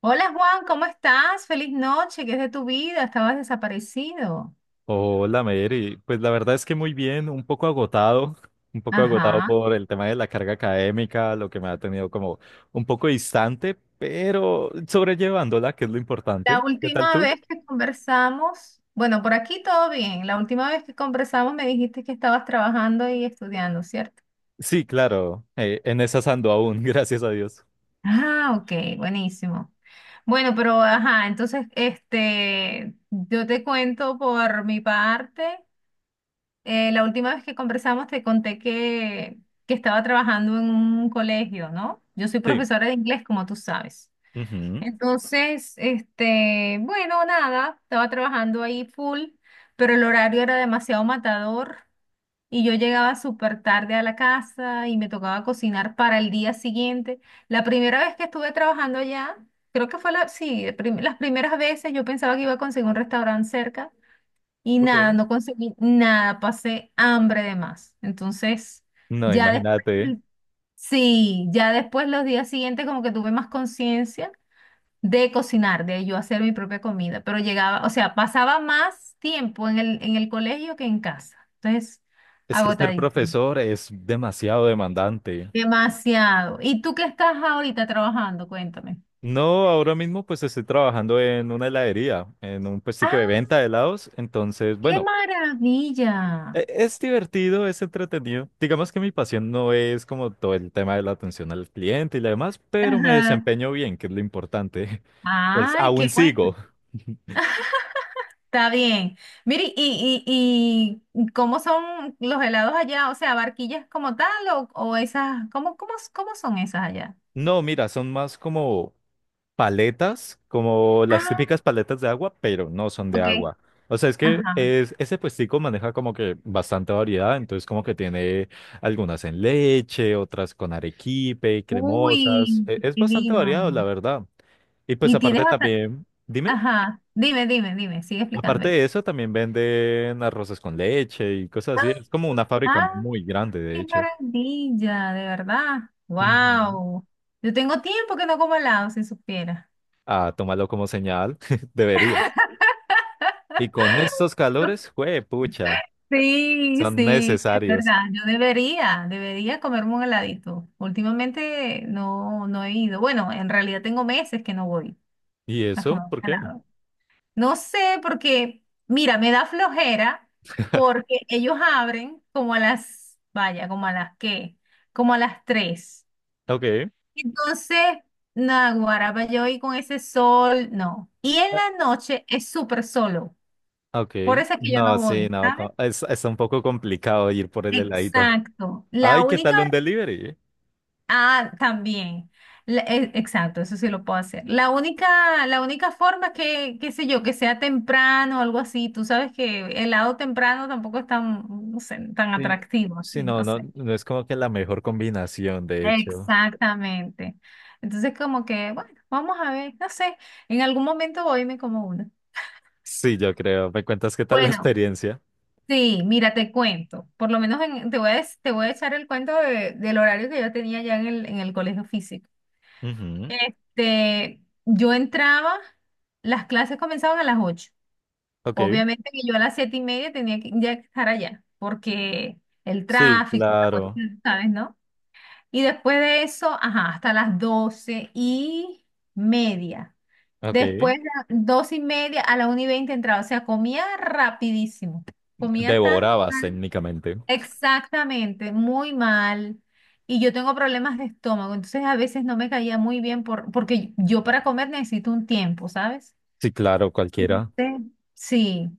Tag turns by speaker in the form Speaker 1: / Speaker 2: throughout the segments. Speaker 1: Hola Juan, ¿cómo estás? Feliz noche, ¿qué es de tu vida? Estabas desaparecido.
Speaker 2: Hola, Mary. Pues la verdad es que muy bien, un poco agotado, un poco agotado
Speaker 1: Ajá.
Speaker 2: por el tema de la carga académica, lo que me ha tenido como un poco distante, pero sobrellevándola, que es lo
Speaker 1: La
Speaker 2: importante. ¿Qué tal
Speaker 1: última
Speaker 2: tú?
Speaker 1: vez que conversamos, bueno, por aquí todo bien. La última vez que conversamos me dijiste que estabas trabajando y estudiando, ¿cierto?
Speaker 2: Sí, claro, en esas ando aún, gracias a Dios.
Speaker 1: Ah, ok, buenísimo. Bueno, pero ajá, entonces, yo te cuento por mi parte. La última vez que conversamos te conté que estaba trabajando en un colegio, ¿no? Yo soy
Speaker 2: Sí.
Speaker 1: profesora de inglés, como tú sabes.
Speaker 2: Ujú.
Speaker 1: Entonces, bueno, nada, estaba trabajando ahí full, pero el horario era demasiado matador y yo llegaba súper tarde a la casa y me tocaba cocinar para el día siguiente. La primera vez que estuve trabajando allá, creo que fue sí, las primeras veces yo pensaba que iba a conseguir un restaurante cerca y nada,
Speaker 2: Okay.
Speaker 1: no conseguí nada, pasé hambre de más. Entonces,
Speaker 2: No,
Speaker 1: ya
Speaker 2: imagínate,
Speaker 1: después, sí, ya después los días siguientes como que tuve más conciencia de cocinar, de yo hacer mi propia comida, pero llegaba, o sea, pasaba más tiempo en el colegio que en casa. Entonces,
Speaker 2: es que ser
Speaker 1: agotadísimo.
Speaker 2: profesor es demasiado demandante.
Speaker 1: Demasiado. ¿Y tú qué estás ahorita trabajando? Cuéntame.
Speaker 2: No, ahora mismo pues estoy trabajando en una heladería, en un puestico de
Speaker 1: ¡Ah,
Speaker 2: venta de helados, entonces,
Speaker 1: qué
Speaker 2: bueno.
Speaker 1: maravilla!
Speaker 2: Es divertido, es entretenido. Digamos que mi pasión no es como todo el tema de la atención al cliente y lo demás, pero me
Speaker 1: Ajá.
Speaker 2: desempeño bien, que es lo importante. Pues
Speaker 1: Ay,
Speaker 2: aún
Speaker 1: qué bueno.
Speaker 2: sigo.
Speaker 1: Está bien. Mire, ¿y cómo son los helados allá? O sea, ¿barquillas como tal o esas, cómo son esas allá?
Speaker 2: No, mira, son más como paletas, como las
Speaker 1: Ah,
Speaker 2: típicas paletas de agua, pero no son de
Speaker 1: ok.
Speaker 2: agua. O sea,
Speaker 1: Ajá.
Speaker 2: ese puestico maneja como que bastante variedad, entonces como que tiene algunas en leche, otras con arequipe, cremosas.
Speaker 1: Uy,
Speaker 2: Es
Speaker 1: qué
Speaker 2: bastante variado, la
Speaker 1: divino.
Speaker 2: verdad. Y pues
Speaker 1: Y tienes
Speaker 2: aparte
Speaker 1: bastante.
Speaker 2: también, dime.
Speaker 1: Ajá, dime, dime, dime, sigue
Speaker 2: Aparte
Speaker 1: explicándome.
Speaker 2: de eso, también venden arroces con leche y cosas así. Es como una fábrica
Speaker 1: Ah,
Speaker 2: muy grande, de
Speaker 1: qué
Speaker 2: hecho.
Speaker 1: maravilla, de verdad.
Speaker 2: Ujú.
Speaker 1: Wow. Yo tengo tiempo que no como helado, si supiera.
Speaker 2: Ah, tómalo como señal, deberías. Y con estos calores, pucha,
Speaker 1: Sí,
Speaker 2: son
Speaker 1: sí, es
Speaker 2: necesarios.
Speaker 1: verdad. Yo debería comerme un heladito. Últimamente no, no he ido. Bueno, en realidad tengo meses que no voy
Speaker 2: ¿Y
Speaker 1: a comer
Speaker 2: eso?
Speaker 1: un
Speaker 2: ¿Por qué?
Speaker 1: helado. No sé, porque, mira, me da flojera porque ellos abren como a las, vaya, como a las qué, como a las tres.
Speaker 2: Ok.
Speaker 1: Entonces, naguará, para yo ir con ese sol, no. Y en
Speaker 2: Ah,
Speaker 1: la noche es súper solo.
Speaker 2: ok.
Speaker 1: Por eso es que yo no
Speaker 2: No, sí,
Speaker 1: voy,
Speaker 2: no,
Speaker 1: ¿sabes?
Speaker 2: es un poco complicado ir por el heladito.
Speaker 1: Exacto. La
Speaker 2: Ay, ¿qué
Speaker 1: única...
Speaker 2: tal un delivery?
Speaker 1: Ah, también. Exacto, eso sí lo puedo hacer. La única forma es que, qué sé yo, que sea temprano o algo así. Tú sabes que el lado temprano tampoco es tan, no sé, tan
Speaker 2: Sí.
Speaker 1: atractivo
Speaker 2: Sí,
Speaker 1: así,
Speaker 2: no,
Speaker 1: no
Speaker 2: no,
Speaker 1: sé.
Speaker 2: no es como que la mejor combinación, de hecho.
Speaker 1: Exactamente. Entonces, como que, bueno, vamos a ver, no sé, en algún momento voy y me como uno.
Speaker 2: Sí, yo creo. ¿Me cuentas qué tal la
Speaker 1: Bueno,
Speaker 2: experiencia?
Speaker 1: sí, mira, te cuento. Por lo menos te voy a echar el cuento del horario que yo tenía ya en el colegio físico.
Speaker 2: Ujú.
Speaker 1: Este, yo entraba, las clases comenzaban a las 8.
Speaker 2: Ok.
Speaker 1: Obviamente que yo a las siete y media tenía que ya estar allá, porque el
Speaker 2: Sí,
Speaker 1: tráfico, la
Speaker 2: claro.
Speaker 1: cuestión, ¿sabes, no? Y después de eso, ajá, hasta las doce y media.
Speaker 2: Ok.
Speaker 1: Después de las doce y media a la una y veinte entraba, o sea, comía rapidísimo. Comía tan
Speaker 2: Devorabas técnicamente.
Speaker 1: Exactamente, muy mal. Y yo tengo problemas de estómago, entonces a veces no me caía muy bien porque yo para comer necesito un tiempo, ¿sabes?
Speaker 2: Sí, claro, cualquiera.
Speaker 1: Sí. Sí.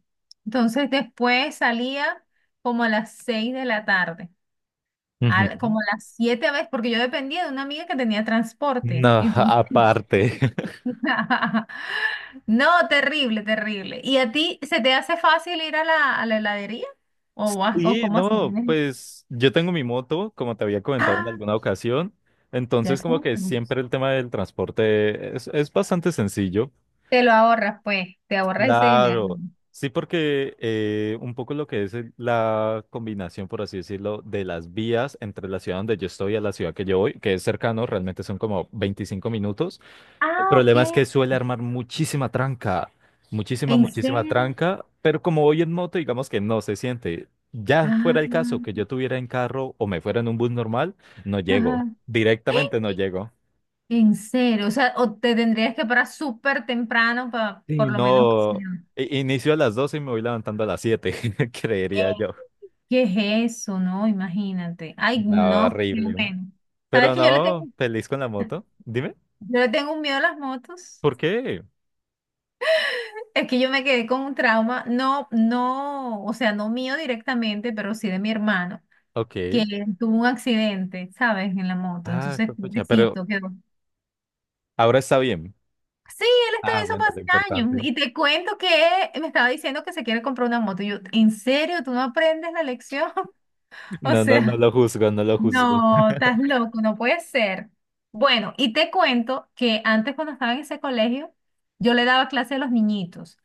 Speaker 1: Entonces después salía como a las seis de la tarde,
Speaker 2: Ujú.
Speaker 1: como a las siete a veces, porque yo dependía de una amiga que tenía transporte.
Speaker 2: No,
Speaker 1: Entonces,
Speaker 2: aparte.
Speaker 1: no, terrible, terrible. ¿Y a ti se te hace fácil ir a la heladería? ¿O
Speaker 2: Y
Speaker 1: cómo así?
Speaker 2: no,
Speaker 1: ¿Tienes-?
Speaker 2: pues yo tengo mi moto, como te había comentado en
Speaker 1: Ah,
Speaker 2: alguna ocasión.
Speaker 1: ya
Speaker 2: Entonces, como
Speaker 1: eso.
Speaker 2: que siempre el tema del transporte es bastante sencillo.
Speaker 1: Te lo ahorras, pues, te ahorras ese dinero.
Speaker 2: Claro. Sí, porque un poco lo que es la combinación, por así decirlo, de las vías entre la ciudad donde yo estoy y a la ciudad que yo voy, que es cercano, realmente son como 25 minutos. El
Speaker 1: Ah, ok.
Speaker 2: problema es que suele armar muchísima tranca, muchísima,
Speaker 1: ¿En
Speaker 2: muchísima
Speaker 1: serio?
Speaker 2: tranca, pero como voy en moto, digamos que no se siente. Ya fuera
Speaker 1: Ah,
Speaker 2: el caso que yo tuviera en carro o me fuera en un bus normal, no llego,
Speaker 1: ajá.
Speaker 2: directamente no llego.
Speaker 1: En serio. O sea, o te tendrías que parar súper temprano para
Speaker 2: Sí,
Speaker 1: por lo menos que
Speaker 2: no,
Speaker 1: sea.
Speaker 2: inicio a las 12 y me voy levantando a las 7.
Speaker 1: Eh,
Speaker 2: Creería yo.
Speaker 1: ¿Qué es eso? No, imagínate. Ay,
Speaker 2: No,
Speaker 1: no, qué
Speaker 2: horrible.
Speaker 1: bueno. ¿Sabes
Speaker 2: Pero
Speaker 1: que yo le tengo,
Speaker 2: no, feliz con la moto. Dime,
Speaker 1: yo le tengo un miedo a las motos?
Speaker 2: ¿por qué?
Speaker 1: Es que yo me quedé con un trauma, no, no, o sea, no mío directamente, pero sí de mi hermano,
Speaker 2: Ok.
Speaker 1: que tuvo un accidente, ¿sabes? En la moto.
Speaker 2: Ah,
Speaker 1: Entonces,
Speaker 2: pues, pucha, pero
Speaker 1: pobrecito, quedó.
Speaker 2: ahora está bien.
Speaker 1: Sí, él está
Speaker 2: Ah,
Speaker 1: en eso
Speaker 2: bueno, lo
Speaker 1: hace años.
Speaker 2: importante.
Speaker 1: Y te cuento que me estaba diciendo que se quiere comprar una moto. Y yo, ¿en serio? ¿Tú no aprendes la lección? O
Speaker 2: No, no, no
Speaker 1: sea,
Speaker 2: lo juzgo, no lo juzgo.
Speaker 1: no, estás loco, no puede ser. Bueno, y te cuento que antes cuando estaba en ese colegio, yo le daba clase a los niñitos,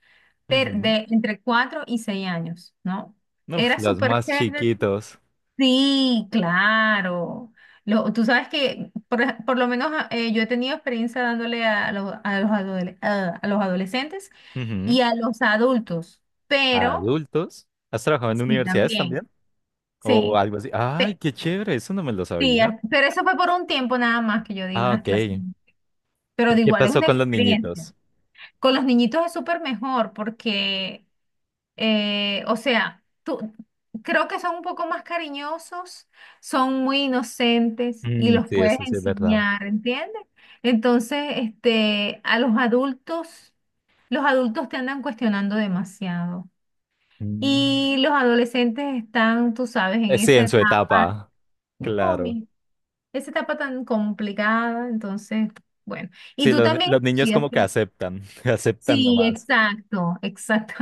Speaker 1: pero
Speaker 2: Ujú.
Speaker 1: de entre 4 y 6 años, ¿no?
Speaker 2: Uf,
Speaker 1: Era
Speaker 2: los
Speaker 1: súper
Speaker 2: más
Speaker 1: chévere.
Speaker 2: chiquitos.
Speaker 1: Sí, claro. Tú sabes que por lo menos yo he tenido experiencia dándole a los adolescentes y
Speaker 2: Ujú.
Speaker 1: a los adultos, pero
Speaker 2: Adultos. ¿Has trabajado en
Speaker 1: sí,
Speaker 2: universidades
Speaker 1: también,
Speaker 2: también? O
Speaker 1: sí.
Speaker 2: algo así. Ay,
Speaker 1: Pe-
Speaker 2: qué chévere, eso no me lo
Speaker 1: sí,
Speaker 2: sabía.
Speaker 1: ah, pero eso fue por un tiempo nada más que yo di
Speaker 2: Ah,
Speaker 1: unas
Speaker 2: ok.
Speaker 1: clases, pero
Speaker 2: ¿Y
Speaker 1: de
Speaker 2: qué
Speaker 1: igual es
Speaker 2: pasó
Speaker 1: una
Speaker 2: con los
Speaker 1: experiencia.
Speaker 2: niñitos?
Speaker 1: Con los niñitos es súper mejor porque o sea, creo que son un poco más cariñosos, son muy inocentes y
Speaker 2: Mm,
Speaker 1: los
Speaker 2: sí,
Speaker 1: puedes
Speaker 2: eso sí es verdad.
Speaker 1: enseñar, ¿entiendes? Entonces, a los adultos te andan cuestionando demasiado.
Speaker 2: Mm.
Speaker 1: Y los adolescentes están, tú sabes, en
Speaker 2: Sí,
Speaker 1: esa
Speaker 2: en su
Speaker 1: etapa,
Speaker 2: etapa,
Speaker 1: oh,
Speaker 2: claro.
Speaker 1: mi- esa etapa tan complicada, entonces, bueno. Y
Speaker 2: Sí,
Speaker 1: tú
Speaker 2: lo-
Speaker 1: también
Speaker 2: los niños
Speaker 1: estudias,
Speaker 2: como que
Speaker 1: ¿cierto?
Speaker 2: aceptan, aceptan
Speaker 1: Sí,
Speaker 2: nomás.
Speaker 1: exacto, exacto.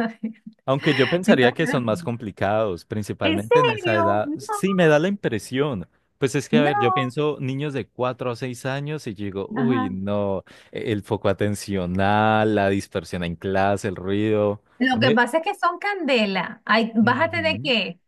Speaker 2: Aunque yo pensaría que son más complicados,
Speaker 1: ¿En
Speaker 2: principalmente en esa
Speaker 1: serio?
Speaker 2: edad.
Speaker 1: No.
Speaker 2: Sí, me da la impresión. Pues es que, a ver, yo
Speaker 1: No.
Speaker 2: pienso niños de 4 a 6 años y digo, uy,
Speaker 1: Ajá.
Speaker 2: no, el foco atencional, la dispersión en clase, el ruido. A
Speaker 1: Lo que
Speaker 2: ver,
Speaker 1: pasa es que son candela. Ay, bájate de
Speaker 2: ujú.
Speaker 1: qué.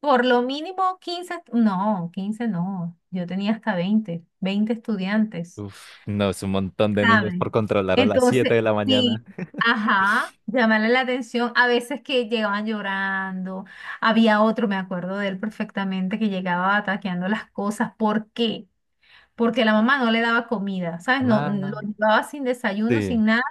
Speaker 1: Por lo mínimo 15, no, 15 no. Yo tenía hasta veinte estudiantes,
Speaker 2: Uf, no, es un montón de niños por
Speaker 1: ¿saben?
Speaker 2: controlar a las 7
Speaker 1: Entonces,
Speaker 2: de la
Speaker 1: sí,
Speaker 2: mañana.
Speaker 1: ajá, llamarle la atención. A veces que llegaban llorando. Había otro, me acuerdo de él perfectamente, que llegaba ataqueando las cosas. ¿Por qué? Porque la mamá no le daba comida, ¿sabes? No, lo
Speaker 2: Ah,
Speaker 1: llevaba sin desayuno,
Speaker 2: sí.
Speaker 1: sin nada.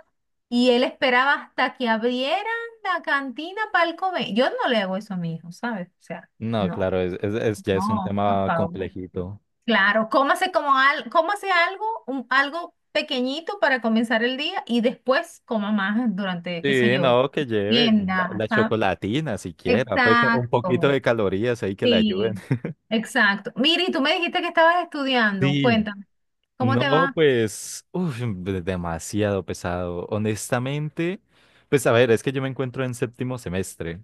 Speaker 1: Y él esperaba hasta que abrieran la cantina para el comer. Yo no le hago eso a mi hijo, ¿sabes? O sea,
Speaker 2: No,
Speaker 1: no.
Speaker 2: claro, ya es un
Speaker 1: No, por
Speaker 2: tema
Speaker 1: favor.
Speaker 2: complejito.
Speaker 1: Claro, cómase algo, algo pequeñito para comenzar el día y después coma más durante, qué sé
Speaker 2: Sí,
Speaker 1: yo,
Speaker 2: no, que lleve la,
Speaker 1: tienda,
Speaker 2: la
Speaker 1: ¿sabes?
Speaker 2: chocolatina siquiera, pues un poquito
Speaker 1: Exacto,
Speaker 2: de calorías ahí que le ayuden.
Speaker 1: sí, exacto. Miri, tú me dijiste que estabas estudiando,
Speaker 2: Sí,
Speaker 1: cuéntame, ¿cómo te
Speaker 2: no,
Speaker 1: va?
Speaker 2: pues, uf, demasiado pesado. Honestamente, pues a ver, es que yo me encuentro en séptimo semestre, o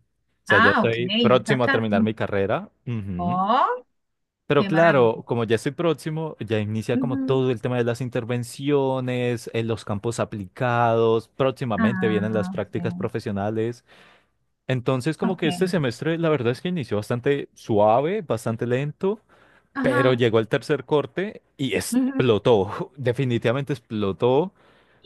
Speaker 2: sea, ya
Speaker 1: Ah, ok,
Speaker 2: estoy
Speaker 1: ya estás
Speaker 2: próximo a
Speaker 1: acá.
Speaker 2: terminar mi carrera. Ujú.
Speaker 1: Oh,
Speaker 2: Pero
Speaker 1: qué maravilla.
Speaker 2: claro, como ya estoy próximo, ya inicia como todo el tema de las intervenciones, en los campos aplicados, próximamente vienen las
Speaker 1: Ah,
Speaker 2: prácticas
Speaker 1: ok.
Speaker 2: profesionales. Entonces, como que este
Speaker 1: Ok.
Speaker 2: semestre, la verdad es que inició bastante suave, bastante lento, pero
Speaker 1: Ajá.
Speaker 2: llegó el tercer corte y
Speaker 1: Ujú.
Speaker 2: explotó, definitivamente explotó.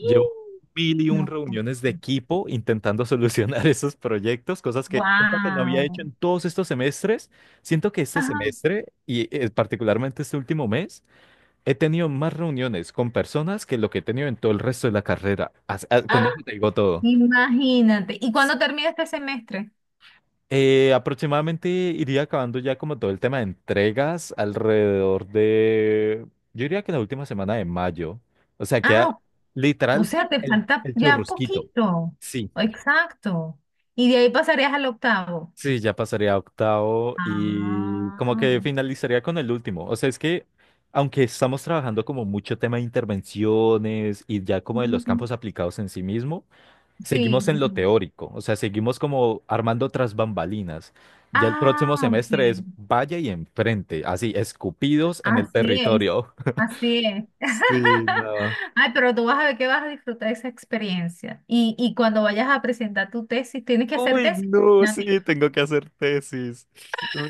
Speaker 2: Llevo mil y un
Speaker 1: No.
Speaker 2: reuniones de equipo intentando solucionar esos proyectos, cosas que, cosa que no había
Speaker 1: Wow.
Speaker 2: hecho en todos estos semestres. Siento que este
Speaker 1: Ajá.
Speaker 2: semestre, y particularmente este último mes, he tenido más reuniones con personas que lo que he tenido en todo el resto de la carrera.
Speaker 1: ¡Ah!
Speaker 2: Con eso te digo todo.
Speaker 1: Imagínate. ¿Y cuándo termina este semestre?
Speaker 2: Aproximadamente iría acabando ya como todo el tema de entregas alrededor de, yo diría que la última semana de mayo. O sea, queda
Speaker 1: Ah, o
Speaker 2: literal
Speaker 1: sea, te
Speaker 2: el,
Speaker 1: falta
Speaker 2: el
Speaker 1: ya
Speaker 2: churrusquito.
Speaker 1: poquito.
Speaker 2: Sí,
Speaker 1: Exacto. Y de ahí pasarías al octavo.
Speaker 2: sí, ya pasaría a octavo y como que
Speaker 1: Ah.
Speaker 2: finalizaría con el último. O sea, es que aunque estamos trabajando como mucho tema de intervenciones y ya como de los
Speaker 1: Ujú.
Speaker 2: campos aplicados en sí mismo,
Speaker 1: Sí.
Speaker 2: seguimos en
Speaker 1: El
Speaker 2: lo
Speaker 1: fin.
Speaker 2: teórico, o sea, seguimos como armando otras bambalinas. Ya el
Speaker 1: Ah,
Speaker 2: próximo
Speaker 1: ok.
Speaker 2: semestre es vaya y enfrente, así, escupidos en el
Speaker 1: Así es,
Speaker 2: territorio.
Speaker 1: así es.
Speaker 2: Sí, no.
Speaker 1: Ay, pero tú vas a ver que vas a disfrutar esa experiencia. Y cuando vayas a presentar tu tesis, tienes que hacer
Speaker 2: Uy,
Speaker 1: tesis
Speaker 2: no,
Speaker 1: alternativa.
Speaker 2: sí, tengo que hacer tesis.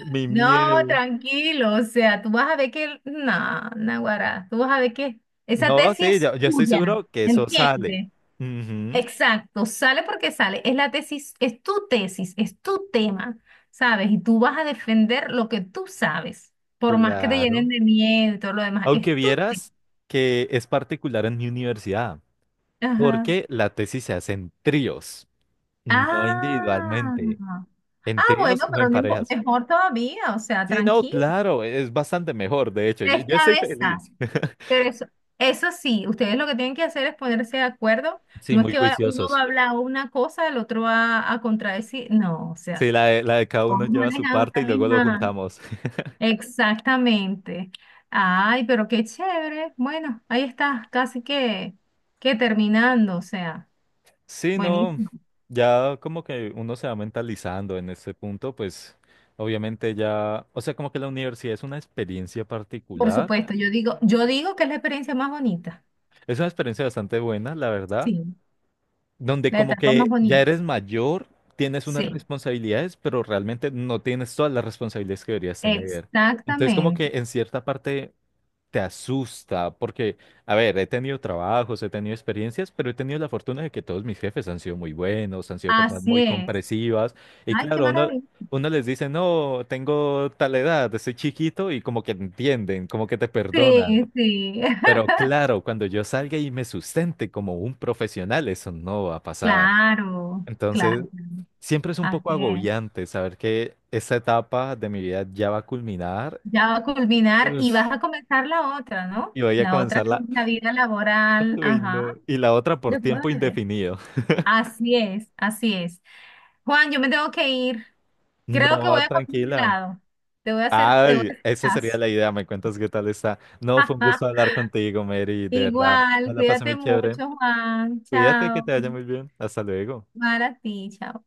Speaker 2: Mi
Speaker 1: No,
Speaker 2: miedo.
Speaker 1: tranquilo, o sea, tú vas a ver que, no, Naguará, tú vas a ver que esa
Speaker 2: No,
Speaker 1: tesis
Speaker 2: sí,
Speaker 1: es
Speaker 2: yo estoy
Speaker 1: tuya,
Speaker 2: seguro que eso sale.
Speaker 1: ¿entiendes?
Speaker 2: Ujú,
Speaker 1: Exacto, sale porque sale, es la tesis, es tu tema, ¿sabes? Y tú vas a defender lo que tú sabes, por más que te llenen
Speaker 2: claro.
Speaker 1: de miedo y todo lo demás,
Speaker 2: Aunque
Speaker 1: es tu tesis.
Speaker 2: vieras que es particular en mi universidad,
Speaker 1: Ajá.
Speaker 2: porque la tesis se hace en tríos, no
Speaker 1: Ah,
Speaker 2: individualmente,
Speaker 1: ah,
Speaker 2: en
Speaker 1: bueno,
Speaker 2: tríos o en
Speaker 1: pero no impo-
Speaker 2: parejas.
Speaker 1: mejor todavía, o sea,
Speaker 2: Sí, no,
Speaker 1: tranquilo.
Speaker 2: claro, es bastante mejor, de hecho, yo,
Speaker 1: Tres
Speaker 2: yo estoy
Speaker 1: cabezas.
Speaker 2: feliz.
Speaker 1: Pero eso sí, ustedes lo que tienen que hacer es ponerse de acuerdo.
Speaker 2: Sí,
Speaker 1: No es
Speaker 2: muy
Speaker 1: que uno va
Speaker 2: juiciosos.
Speaker 1: a hablar una cosa, el otro va a contradecir. No, o sea,
Speaker 2: Sí, la de cada uno
Speaker 1: todos
Speaker 2: lleva su
Speaker 1: manejan
Speaker 2: parte
Speaker 1: una
Speaker 2: y luego lo
Speaker 1: misma.
Speaker 2: juntamos.
Speaker 1: Exactamente. Ay, pero qué chévere. Bueno, ahí está, casi que terminando, o sea,
Speaker 2: Sí, no,
Speaker 1: buenísimo.
Speaker 2: ya como que uno se va mentalizando en este punto, pues obviamente ya, o sea, como que la universidad es una experiencia
Speaker 1: Por
Speaker 2: particular,
Speaker 1: supuesto, yo digo que es la experiencia más bonita.
Speaker 2: es una experiencia bastante buena, la verdad,
Speaker 1: Sí.
Speaker 2: donde
Speaker 1: La
Speaker 2: como
Speaker 1: etapa más
Speaker 2: que ya
Speaker 1: bonita.
Speaker 2: eres mayor, tienes unas
Speaker 1: Sí,
Speaker 2: responsabilidades, pero realmente no tienes todas las responsabilidades que deberías tener. Entonces como que
Speaker 1: exactamente.
Speaker 2: en cierta parte te asusta, porque, a ver, he tenido trabajos, he tenido experiencias, pero he tenido la fortuna de que todos mis jefes han sido muy buenos, han sido personas
Speaker 1: Así
Speaker 2: muy
Speaker 1: es.
Speaker 2: comprensivas, y
Speaker 1: Ay, qué
Speaker 2: claro, uno,
Speaker 1: maravilla.
Speaker 2: uno les dice, no, tengo tal edad, soy chiquito, y como que entienden, como que te perdonan.
Speaker 1: Sí, sí.
Speaker 2: Pero claro, cuando yo salga y me sustente como un profesional, eso no va a pasar.
Speaker 1: Claro,
Speaker 2: Entonces,
Speaker 1: claro.
Speaker 2: siempre es un poco
Speaker 1: Así es.
Speaker 2: agobiante saber que esta etapa de mi vida ya va a culminar.
Speaker 1: Ya va a culminar y vas
Speaker 2: Uf,
Speaker 1: a comenzar la otra, ¿no?
Speaker 2: y voy a
Speaker 1: La otra
Speaker 2: comenzar
Speaker 1: que es
Speaker 2: la.
Speaker 1: la vida laboral.
Speaker 2: Uy, no.
Speaker 1: Ajá.
Speaker 2: Y la otra por
Speaker 1: Yo puedo
Speaker 2: tiempo
Speaker 1: ver.
Speaker 2: indefinido.
Speaker 1: Así es, así es. Juan, yo me tengo que ir. Creo que
Speaker 2: No,
Speaker 1: voy a comer un
Speaker 2: tranquila.
Speaker 1: helado. Te voy a hacer, te voy a
Speaker 2: Ay,
Speaker 1: hacer
Speaker 2: esa sería
Speaker 1: caso.
Speaker 2: la idea. Me cuentas qué tal está. No, fue un gusto hablar contigo, Mary. De verdad, me
Speaker 1: Igual,
Speaker 2: la pasé
Speaker 1: cuídate
Speaker 2: muy chévere.
Speaker 1: mucho, Juan.
Speaker 2: Cuídate, que
Speaker 1: Chao.
Speaker 2: te vaya muy bien. Hasta luego.
Speaker 1: Para ti, chao.